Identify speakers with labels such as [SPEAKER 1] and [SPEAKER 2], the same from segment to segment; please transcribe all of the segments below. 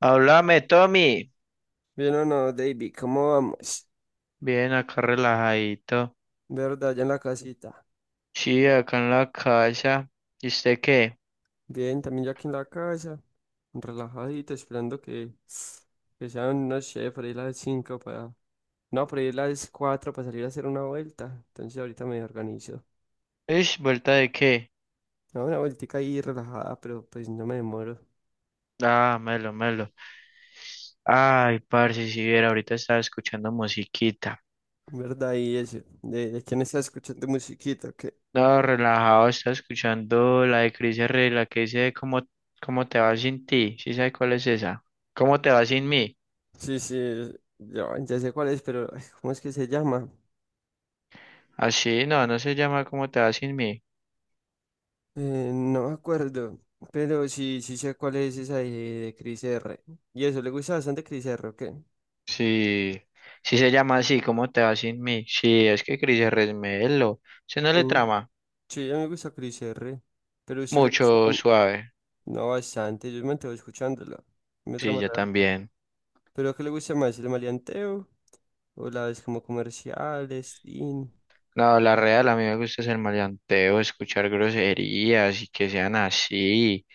[SPEAKER 1] Háblame, Tommy.
[SPEAKER 2] Bien o no, David, ¿cómo vamos?
[SPEAKER 1] Bien, acá relajadito.
[SPEAKER 2] ¿Verdad? Ya en la casita.
[SPEAKER 1] Sí, acá en la casa. ¿Y usted qué?
[SPEAKER 2] Bien, también ya aquí en la casa, relajadito, esperando que sean, no sé, por ahí las 5 para. No, por ahí las 4 para salir a hacer una vuelta. Entonces ahorita me organizo.
[SPEAKER 1] ¿Es vuelta de qué?
[SPEAKER 2] No, una vueltica ahí relajada, pero pues no me demoro.
[SPEAKER 1] Ah, melo, melo. Ay, parce, si viera, ahorita estaba escuchando musiquita.
[SPEAKER 2] ¿Verdad? Y eso, ¿de quién está escuchando musiquita? Que.
[SPEAKER 1] No, relajado, estaba escuchando la de Cris Herrera, la que dice cómo, cómo te va sin ti. ¿Sí sabe cuál es esa? ¿Cómo te va sin mí?
[SPEAKER 2] Sí, sí, ya, ya sé cuál es, pero ay, ¿cómo es que se llama?
[SPEAKER 1] Así, no, no se llama cómo te va sin mí.
[SPEAKER 2] No me acuerdo, pero sí, sí sé cuál es esa de Chris R. Y eso, ¿le gusta bastante Chris R o qué?
[SPEAKER 1] Sí, sí se llama así, cómo te va sin mí. Sí, es que Cris Herrera es melo. ¿Se no le
[SPEAKER 2] Mm.
[SPEAKER 1] trama?
[SPEAKER 2] Sí, a mí me gusta Chris R. Pero a usted le gusta,
[SPEAKER 1] Mucho suave.
[SPEAKER 2] no bastante, yo me mantengo escuchándola. Me
[SPEAKER 1] Sí,
[SPEAKER 2] trama
[SPEAKER 1] yo
[SPEAKER 2] raro.
[SPEAKER 1] también.
[SPEAKER 2] ¿Pero qué le gusta más, el maleanteo o las como comerciales? Teen?
[SPEAKER 1] No, la real, a mí me gusta hacer maleanteo, escuchar groserías y que sean así,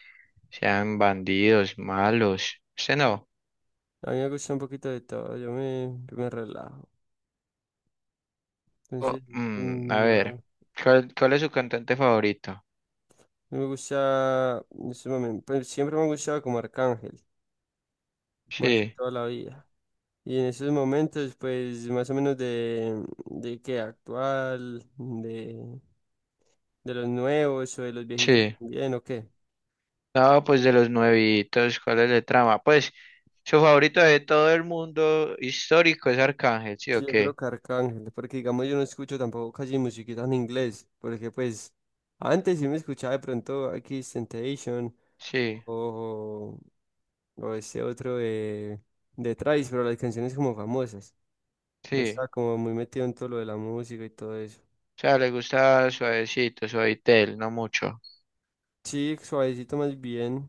[SPEAKER 1] sean bandidos, malos. Usted no.
[SPEAKER 2] A mí me gusta un poquito de todo, yo me relajo. Entonces,
[SPEAKER 1] A ver,
[SPEAKER 2] nada.
[SPEAKER 1] ¿cuál es su cantante favorito?
[SPEAKER 2] Me gusta, en ese momento, pues siempre me ha gustado como Arcángel, más
[SPEAKER 1] Sí,
[SPEAKER 2] toda la vida. Y en esos momentos, pues más o menos de qué actual, de los nuevos o de los viejitos
[SPEAKER 1] sí.
[SPEAKER 2] también, ¿o qué?
[SPEAKER 1] No, pues de los nuevitos, ¿cuál es el trama? Pues su favorito de todo el mundo histórico es Arcángel, ¿sí o
[SPEAKER 2] Sí, yo creo
[SPEAKER 1] qué?
[SPEAKER 2] que Arcángel, porque digamos yo no escucho tampoco casi musiquita en inglés, porque pues antes sí me escuchaba de pronto X Temptation
[SPEAKER 1] Sí,
[SPEAKER 2] o, o ese otro de Thrice, pero las canciones como famosas, no
[SPEAKER 1] sí.
[SPEAKER 2] estaba como muy metido en todo lo de la música y todo eso.
[SPEAKER 1] O sea, le gusta suavecito, suavitel, no mucho.
[SPEAKER 2] Sí, suavecito más bien,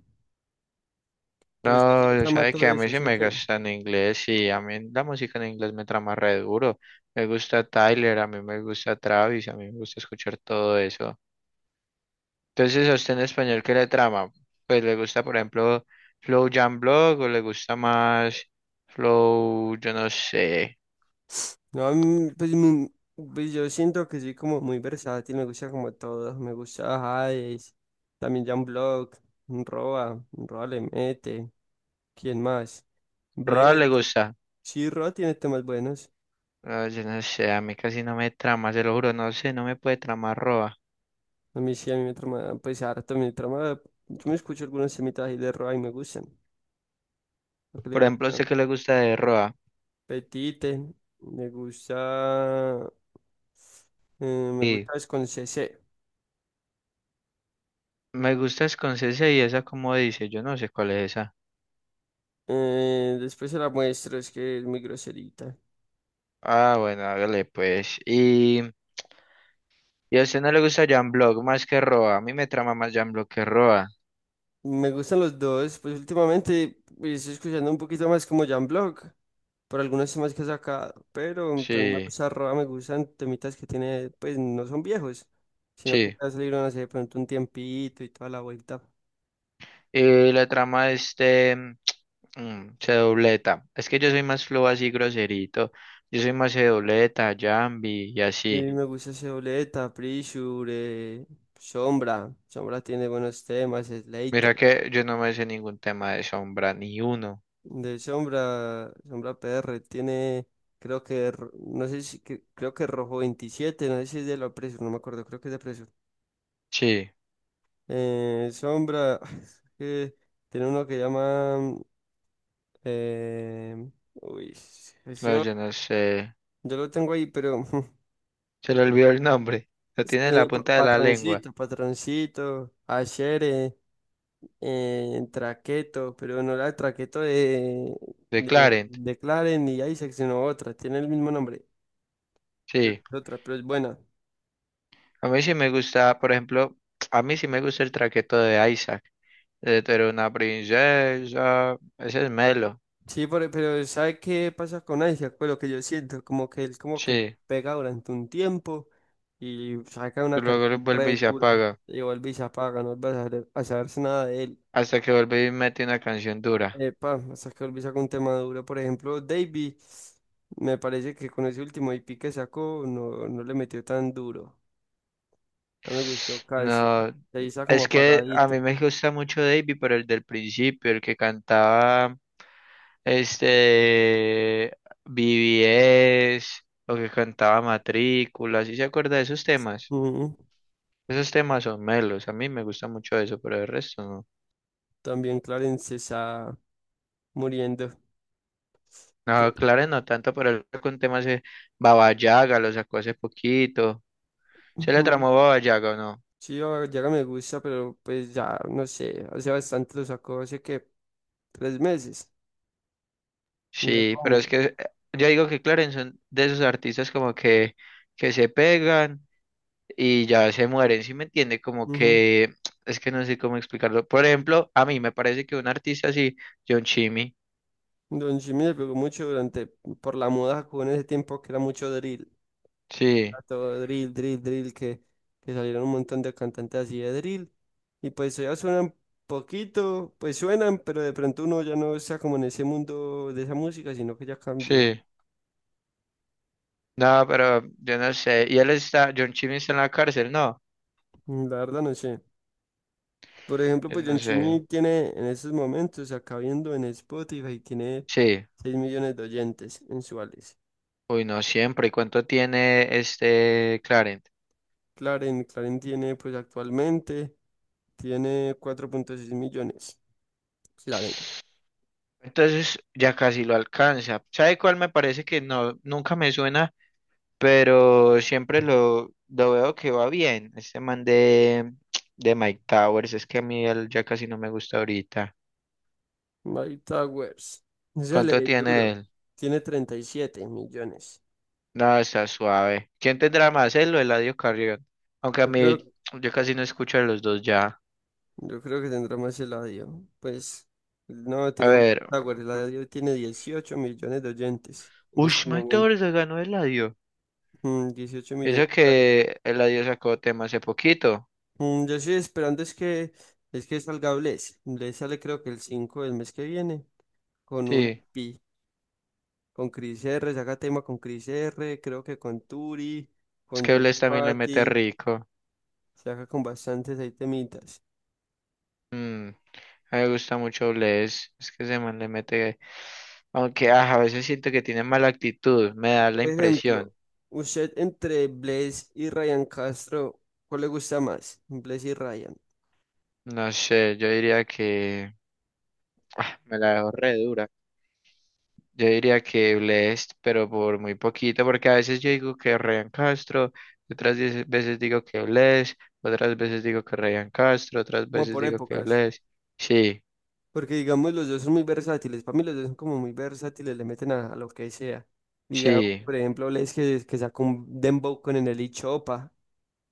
[SPEAKER 2] pero usted sí
[SPEAKER 1] No,
[SPEAKER 2] le
[SPEAKER 1] yo
[SPEAKER 2] trama
[SPEAKER 1] sabe que
[SPEAKER 2] todo
[SPEAKER 1] a mí
[SPEAKER 2] eso,
[SPEAKER 1] sí
[SPEAKER 2] ¿sí o
[SPEAKER 1] me
[SPEAKER 2] qué?
[SPEAKER 1] gusta en inglés y a mí la música en inglés me trama re duro. Me gusta Tyler, a mí me gusta Travis, a mí me gusta escuchar todo eso. Entonces, ¿a usted en español qué le trama? Pues le gusta, por ejemplo, Flow Jam Block o le gusta más Flow, yo no sé.
[SPEAKER 2] No, a mí, pues, pues yo siento que soy como muy versátil, me gusta como todo, me gusta Hades, también Jan Block, Roa, Roa le mete, ¿quién más?
[SPEAKER 1] Roa
[SPEAKER 2] Blaze,
[SPEAKER 1] le gusta.
[SPEAKER 2] sí, Roa tiene temas buenos,
[SPEAKER 1] Ah, yo no sé, a mí casi no me trama, se lo juro, no sé, no me puede tramar Roa.
[SPEAKER 2] a mí sí, a mí me trama, pues harto, me trama, yo me escucho algunos temitas ahí de Roa y me gustan, lo que le
[SPEAKER 1] Por
[SPEAKER 2] digo, que
[SPEAKER 1] ejemplo, ¿a usted
[SPEAKER 2] no.
[SPEAKER 1] qué le gusta de Roa?
[SPEAKER 2] Petite, me gusta, me
[SPEAKER 1] Sí.
[SPEAKER 2] gusta es con C C,
[SPEAKER 1] Me gusta Scorsese y esa como dice, yo no sé cuál es esa.
[SPEAKER 2] después se la muestro, es que es muy groserita.
[SPEAKER 1] Ah, bueno, hágale pues. Y a usted no le gusta Jan Block más que Roa. A mí me trama más Jan Block que Roa.
[SPEAKER 2] Me gustan los dos, pues últimamente pues, estoy escuchando un poquito más como Jan por algunos temas que ha sacado, pero también me
[SPEAKER 1] Sí,
[SPEAKER 2] gusta Roa, me gustan temitas que tiene, pues no son viejos, sino que
[SPEAKER 1] sí.
[SPEAKER 2] ya salieron hace de pronto un tiempito y toda la vuelta.
[SPEAKER 1] Y la trama de este se dobleta. Es que yo soy más flow así groserito. Yo soy más se dobleta, Jambi y
[SPEAKER 2] Sí
[SPEAKER 1] así.
[SPEAKER 2] me gusta Seoleta, Pressure, Sombra, Sombra tiene buenos temas, Slater.
[SPEAKER 1] Mira que yo no me sé ningún tema de sombra, ni uno.
[SPEAKER 2] De Sombra, Sombra PR tiene, creo que, no sé si, creo que Rojo 27, no sé si es de la Pressure, no me acuerdo, creo que es de.
[SPEAKER 1] Sí,
[SPEAKER 2] Sombra, es que tiene uno que llama. Uy, ese
[SPEAKER 1] no,
[SPEAKER 2] yo,
[SPEAKER 1] yo no sé.
[SPEAKER 2] yo lo tengo ahí, pero
[SPEAKER 1] Se le olvidó el nombre. Lo tiene en
[SPEAKER 2] tiene
[SPEAKER 1] la punta de la lengua.
[SPEAKER 2] patroncito, patroncito, achere, traqueto, pero no la traqueto de,
[SPEAKER 1] De
[SPEAKER 2] de,
[SPEAKER 1] Clarent.
[SPEAKER 2] de Claren ni Isaac, sino otra, tiene el mismo nombre, pero
[SPEAKER 1] Sí.
[SPEAKER 2] es otra, pero es buena.
[SPEAKER 1] A mí sí me gusta, por ejemplo, a mí sí me gusta el traqueto de Isaac. De tú eres una princesa. Ese es Melo.
[SPEAKER 2] Sí, pero ¿sabe qué pasa con Isaac? Pues lo que yo siento, como que él como que
[SPEAKER 1] Sí.
[SPEAKER 2] pega durante un tiempo y saca una
[SPEAKER 1] Y luego lo
[SPEAKER 2] canción
[SPEAKER 1] vuelve
[SPEAKER 2] re
[SPEAKER 1] y se
[SPEAKER 2] dura
[SPEAKER 1] apaga.
[SPEAKER 2] y vuelve y se apaga, no vuelve a a saberse nada de él.
[SPEAKER 1] Hasta que vuelve y mete una canción dura.
[SPEAKER 2] Epa, hasta que volví a sacar un tema duro. Por ejemplo, Davey, me parece que con ese último IP que sacó no, no le metió tan duro. No me gustó casi.
[SPEAKER 1] No.
[SPEAKER 2] Ahí está como
[SPEAKER 1] Es que a
[SPEAKER 2] apagadito.
[SPEAKER 1] mí me gusta mucho Davey, pero el del principio, el que cantaba este BBS o que cantaba Matrícula. ¿Sí se acuerda de esos temas?
[SPEAKER 2] Ujú.
[SPEAKER 1] Esos temas son melos. A mí me gusta mucho eso, pero el resto no.
[SPEAKER 2] También Clarence está muriendo.
[SPEAKER 1] No, claro, no tanto, pero él sacó un tema hace Baba Yaga, lo sacó hace poquito. ¿Se le
[SPEAKER 2] Ujú.
[SPEAKER 1] tramó Baba Yaga o no?
[SPEAKER 2] Sí, ahora me gusta, pero pues ya, no sé, hace bastante lo sacó, hace que 3 meses, no le
[SPEAKER 1] Sí, pero es
[SPEAKER 2] pongo.
[SPEAKER 1] que yo digo que Clarence son de esos artistas como que se pegan y ya se mueren, ¿sí me entiende? Como
[SPEAKER 2] Ujú.
[SPEAKER 1] que es que no sé cómo explicarlo. Por ejemplo, a mí me parece que un artista así, John Chimmy.
[SPEAKER 2] Don Jimmy le pegó mucho durante, por la moda con ese tiempo que era mucho drill,
[SPEAKER 1] Sí,
[SPEAKER 2] a todo drill, drill, drill, que salieron un montón de cantantes así de drill, y pues ya suenan poquito, pues suenan, pero de pronto uno ya no está como en ese mundo de esa música, sino que ya cambió.
[SPEAKER 1] sí. No, pero yo no sé. Y él está, John Chimmy está en la cárcel, no.
[SPEAKER 2] La verdad no sé. Por ejemplo,
[SPEAKER 1] Yo
[SPEAKER 2] pues John
[SPEAKER 1] no sé.
[SPEAKER 2] Chimmy tiene en estos momentos, acá viendo en Spotify, tiene
[SPEAKER 1] Sí.
[SPEAKER 2] 6 millones de oyentes mensuales.
[SPEAKER 1] Uy, no siempre. ¿Y cuánto tiene este Clarence?
[SPEAKER 2] Claren, Claren tiene pues actualmente, tiene 4,6 millones. Claren.
[SPEAKER 1] Entonces ya casi lo alcanza. ¿Sabe cuál me parece que no, nunca me suena, pero siempre lo veo que va bien? Este man de Mike Towers, es que a mí él ya casi no me gusta ahorita.
[SPEAKER 2] My Towers. Ese le
[SPEAKER 1] ¿Cuánto
[SPEAKER 2] di
[SPEAKER 1] tiene
[SPEAKER 2] duro.
[SPEAKER 1] él?
[SPEAKER 2] Tiene 37 millones.
[SPEAKER 1] No, está suave. ¿Quién tendrá más, él o Eladio Carrión? Aunque a
[SPEAKER 2] Yo
[SPEAKER 1] mí
[SPEAKER 2] creo,
[SPEAKER 1] yo casi no escucho a los dos ya.
[SPEAKER 2] yo creo que tendrá más eladio. Pues no,
[SPEAKER 1] A
[SPEAKER 2] tiene más
[SPEAKER 1] ver.
[SPEAKER 2] Towers. Eladio tiene 18 millones de oyentes en
[SPEAKER 1] Ush,
[SPEAKER 2] este
[SPEAKER 1] Mike
[SPEAKER 2] momento.
[SPEAKER 1] Towers se ganó Eladio.
[SPEAKER 2] 18
[SPEAKER 1] Eso
[SPEAKER 2] millones.
[SPEAKER 1] que Eladio sacó tema hace poquito.
[SPEAKER 2] Yo estoy esperando es que salga Bless. Bless sale creo que el 5 del mes que viene con un
[SPEAKER 1] Sí,
[SPEAKER 2] IP, con Chris R, saca tema con Chris R, creo que con Turi,
[SPEAKER 1] es
[SPEAKER 2] con
[SPEAKER 1] que
[SPEAKER 2] John
[SPEAKER 1] Bless también le mete
[SPEAKER 2] Fati,
[SPEAKER 1] rico.
[SPEAKER 2] saca con bastantes ahí temitas.
[SPEAKER 1] Mm, a mí me gusta mucho Bless. Es que ese man le mete. Aunque a veces siento que tiene mala actitud, me da la
[SPEAKER 2] Por ejemplo,
[SPEAKER 1] impresión.
[SPEAKER 2] usted entre Bless y Ryan Castro, ¿cuál le gusta más? Bless y Ryan,
[SPEAKER 1] No sé, yo diría que me la dejo re dura. Yo diría que Blessed, pero por muy poquito, porque a veces yo digo que Ryan Castro, otras 10 veces digo que Blessed, otras veces digo que Ryan Castro, otras
[SPEAKER 2] como
[SPEAKER 1] veces
[SPEAKER 2] por
[SPEAKER 1] digo que
[SPEAKER 2] épocas.
[SPEAKER 1] Blessed. Sí,
[SPEAKER 2] Porque digamos, los dos son muy versátiles. Para mí los dos son como muy versátiles, le meten a lo que sea. Digamos,
[SPEAKER 1] sí.
[SPEAKER 2] por ejemplo, Les que sacó un dembow con el Chopa.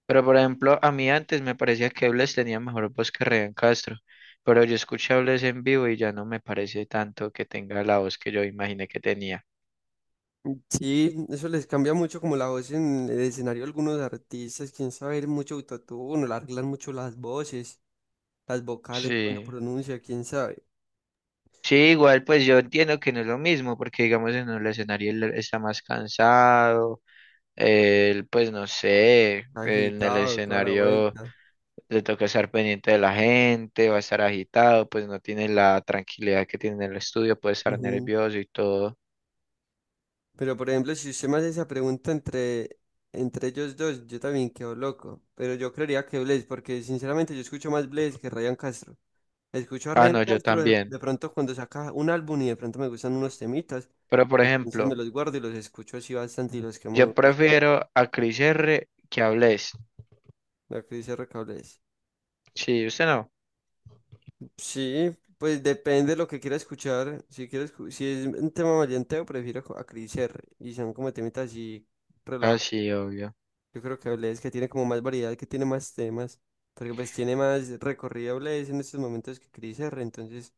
[SPEAKER 1] Pero por ejemplo, a mí antes me parecía que Bless tenía mejor voz que Ryan Castro, pero yo escuché a Bless en vivo y ya no me parece tanto que tenga la voz que yo imaginé que tenía.
[SPEAKER 2] Sí, eso les cambia mucho como la voz en el escenario a algunos artistas. Quién sabe, mucho autotune, le arreglan mucho las voces, las vocales cuando
[SPEAKER 1] Sí,
[SPEAKER 2] pronuncia, quién sabe.
[SPEAKER 1] Sí, igual pues yo entiendo que no es lo mismo, porque digamos en el escenario él está más cansado, él pues no sé, en el
[SPEAKER 2] Agitado, toda la
[SPEAKER 1] escenario
[SPEAKER 2] vuelta.
[SPEAKER 1] le toca estar pendiente de la gente, va a estar agitado, pues no tiene la tranquilidad que tiene en el estudio, puede estar
[SPEAKER 2] Ujú.
[SPEAKER 1] nervioso y todo.
[SPEAKER 2] Pero por ejemplo, si usted me hace esa pregunta entre ellos dos, yo también quedo loco. Pero yo creería que Blaze, porque sinceramente yo escucho más Blaze que Ryan Castro. Escucho a
[SPEAKER 1] Ah,
[SPEAKER 2] Ryan
[SPEAKER 1] no, yo
[SPEAKER 2] Castro de
[SPEAKER 1] también.
[SPEAKER 2] pronto cuando saca un álbum y de pronto me gustan unos temitas.
[SPEAKER 1] Pero por
[SPEAKER 2] Entonces me
[SPEAKER 1] ejemplo...
[SPEAKER 2] los guardo y los escucho así bastante y los quemo
[SPEAKER 1] Yo
[SPEAKER 2] durísimo.
[SPEAKER 1] prefiero a Chris R que a Bless.
[SPEAKER 2] Lo que dice RK Blaze.
[SPEAKER 1] Sí, usted no.
[SPEAKER 2] Sí, pues depende de lo que quiera escuchar. Si quieres, si es un tema maleanteo, prefiero a Chris R. Y son como temitas así.
[SPEAKER 1] Ah, sí, obvio.
[SPEAKER 2] Yo creo que Blaze, que tiene como más variedad, que tiene más temas, porque pues tiene más recorrido Blaze en estos momentos que Chris R, entonces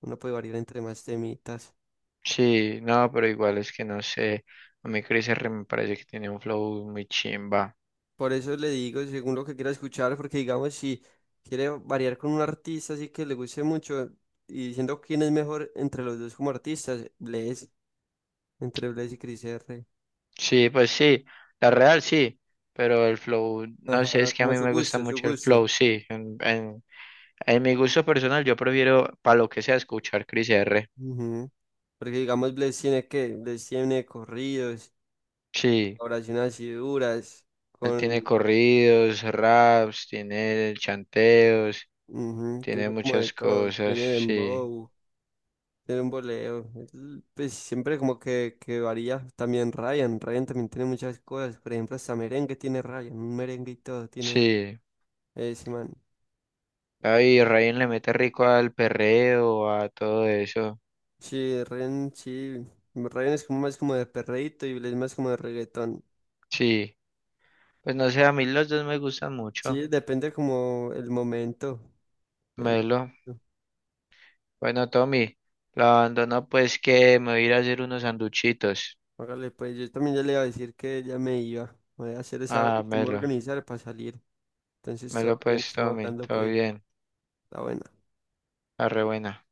[SPEAKER 2] uno puede variar entre más temitas.
[SPEAKER 1] Sí, no, pero igual es que no sé. A mí Chris R me parece que tiene un flow muy chimba.
[SPEAKER 2] Por eso le digo, según lo que quiera escuchar, porque digamos, si quiere variar con un artista así que le guste mucho, y diciendo quién es mejor entre los dos como artistas, Blaze, entre Blaze y Chris R.
[SPEAKER 1] Sí, pues sí. La real sí. Pero el flow, no sé,
[SPEAKER 2] Ajá,
[SPEAKER 1] es que a
[SPEAKER 2] como
[SPEAKER 1] mí
[SPEAKER 2] su
[SPEAKER 1] me gusta
[SPEAKER 2] gusto, su
[SPEAKER 1] mucho el
[SPEAKER 2] gusto.
[SPEAKER 1] flow, sí. En mi gusto personal, yo prefiero, para lo que sea, escuchar Chris R.
[SPEAKER 2] Ujú. Porque digamos, Blaze tiene que, Blaze tiene corridos,
[SPEAKER 1] Sí,
[SPEAKER 2] oraciones así duras
[SPEAKER 1] él tiene
[SPEAKER 2] con,
[SPEAKER 1] corridos, raps, tiene chanteos,
[SPEAKER 2] Ujú,
[SPEAKER 1] tiene
[SPEAKER 2] tiene como de
[SPEAKER 1] muchas
[SPEAKER 2] todo,
[SPEAKER 1] cosas,
[SPEAKER 2] tiene
[SPEAKER 1] sí.
[SPEAKER 2] dembow, tiene un boleo, pues siempre como que varía, también Ryan, Ryan también tiene muchas cosas, por ejemplo hasta merengue tiene Ryan, un merengue y todo tiene
[SPEAKER 1] Sí,
[SPEAKER 2] ese man,
[SPEAKER 1] ay, Ryan le mete rico al perreo, a todo eso.
[SPEAKER 2] sí, Ryan es como más como de perreíto y Blade es más como de reggaetón,
[SPEAKER 1] Sí, pues no sé, a mí los dos me gustan mucho.
[SPEAKER 2] sí, depende como el momento, el-
[SPEAKER 1] Melo. Bueno, Tommy, la abandono pues que me voy a ir a hacer unos sanduchitos.
[SPEAKER 2] hágale pues, yo también ya le iba a decir que ya me iba, voy a hacer esa agua y
[SPEAKER 1] Ah,
[SPEAKER 2] te voy a
[SPEAKER 1] melo.
[SPEAKER 2] organizar para salir, entonces todo
[SPEAKER 1] Melo
[SPEAKER 2] bien,
[SPEAKER 1] pues,
[SPEAKER 2] estamos
[SPEAKER 1] Tommy,
[SPEAKER 2] hablando
[SPEAKER 1] todo
[SPEAKER 2] pues,
[SPEAKER 1] bien.
[SPEAKER 2] está bueno.
[SPEAKER 1] Arre buena.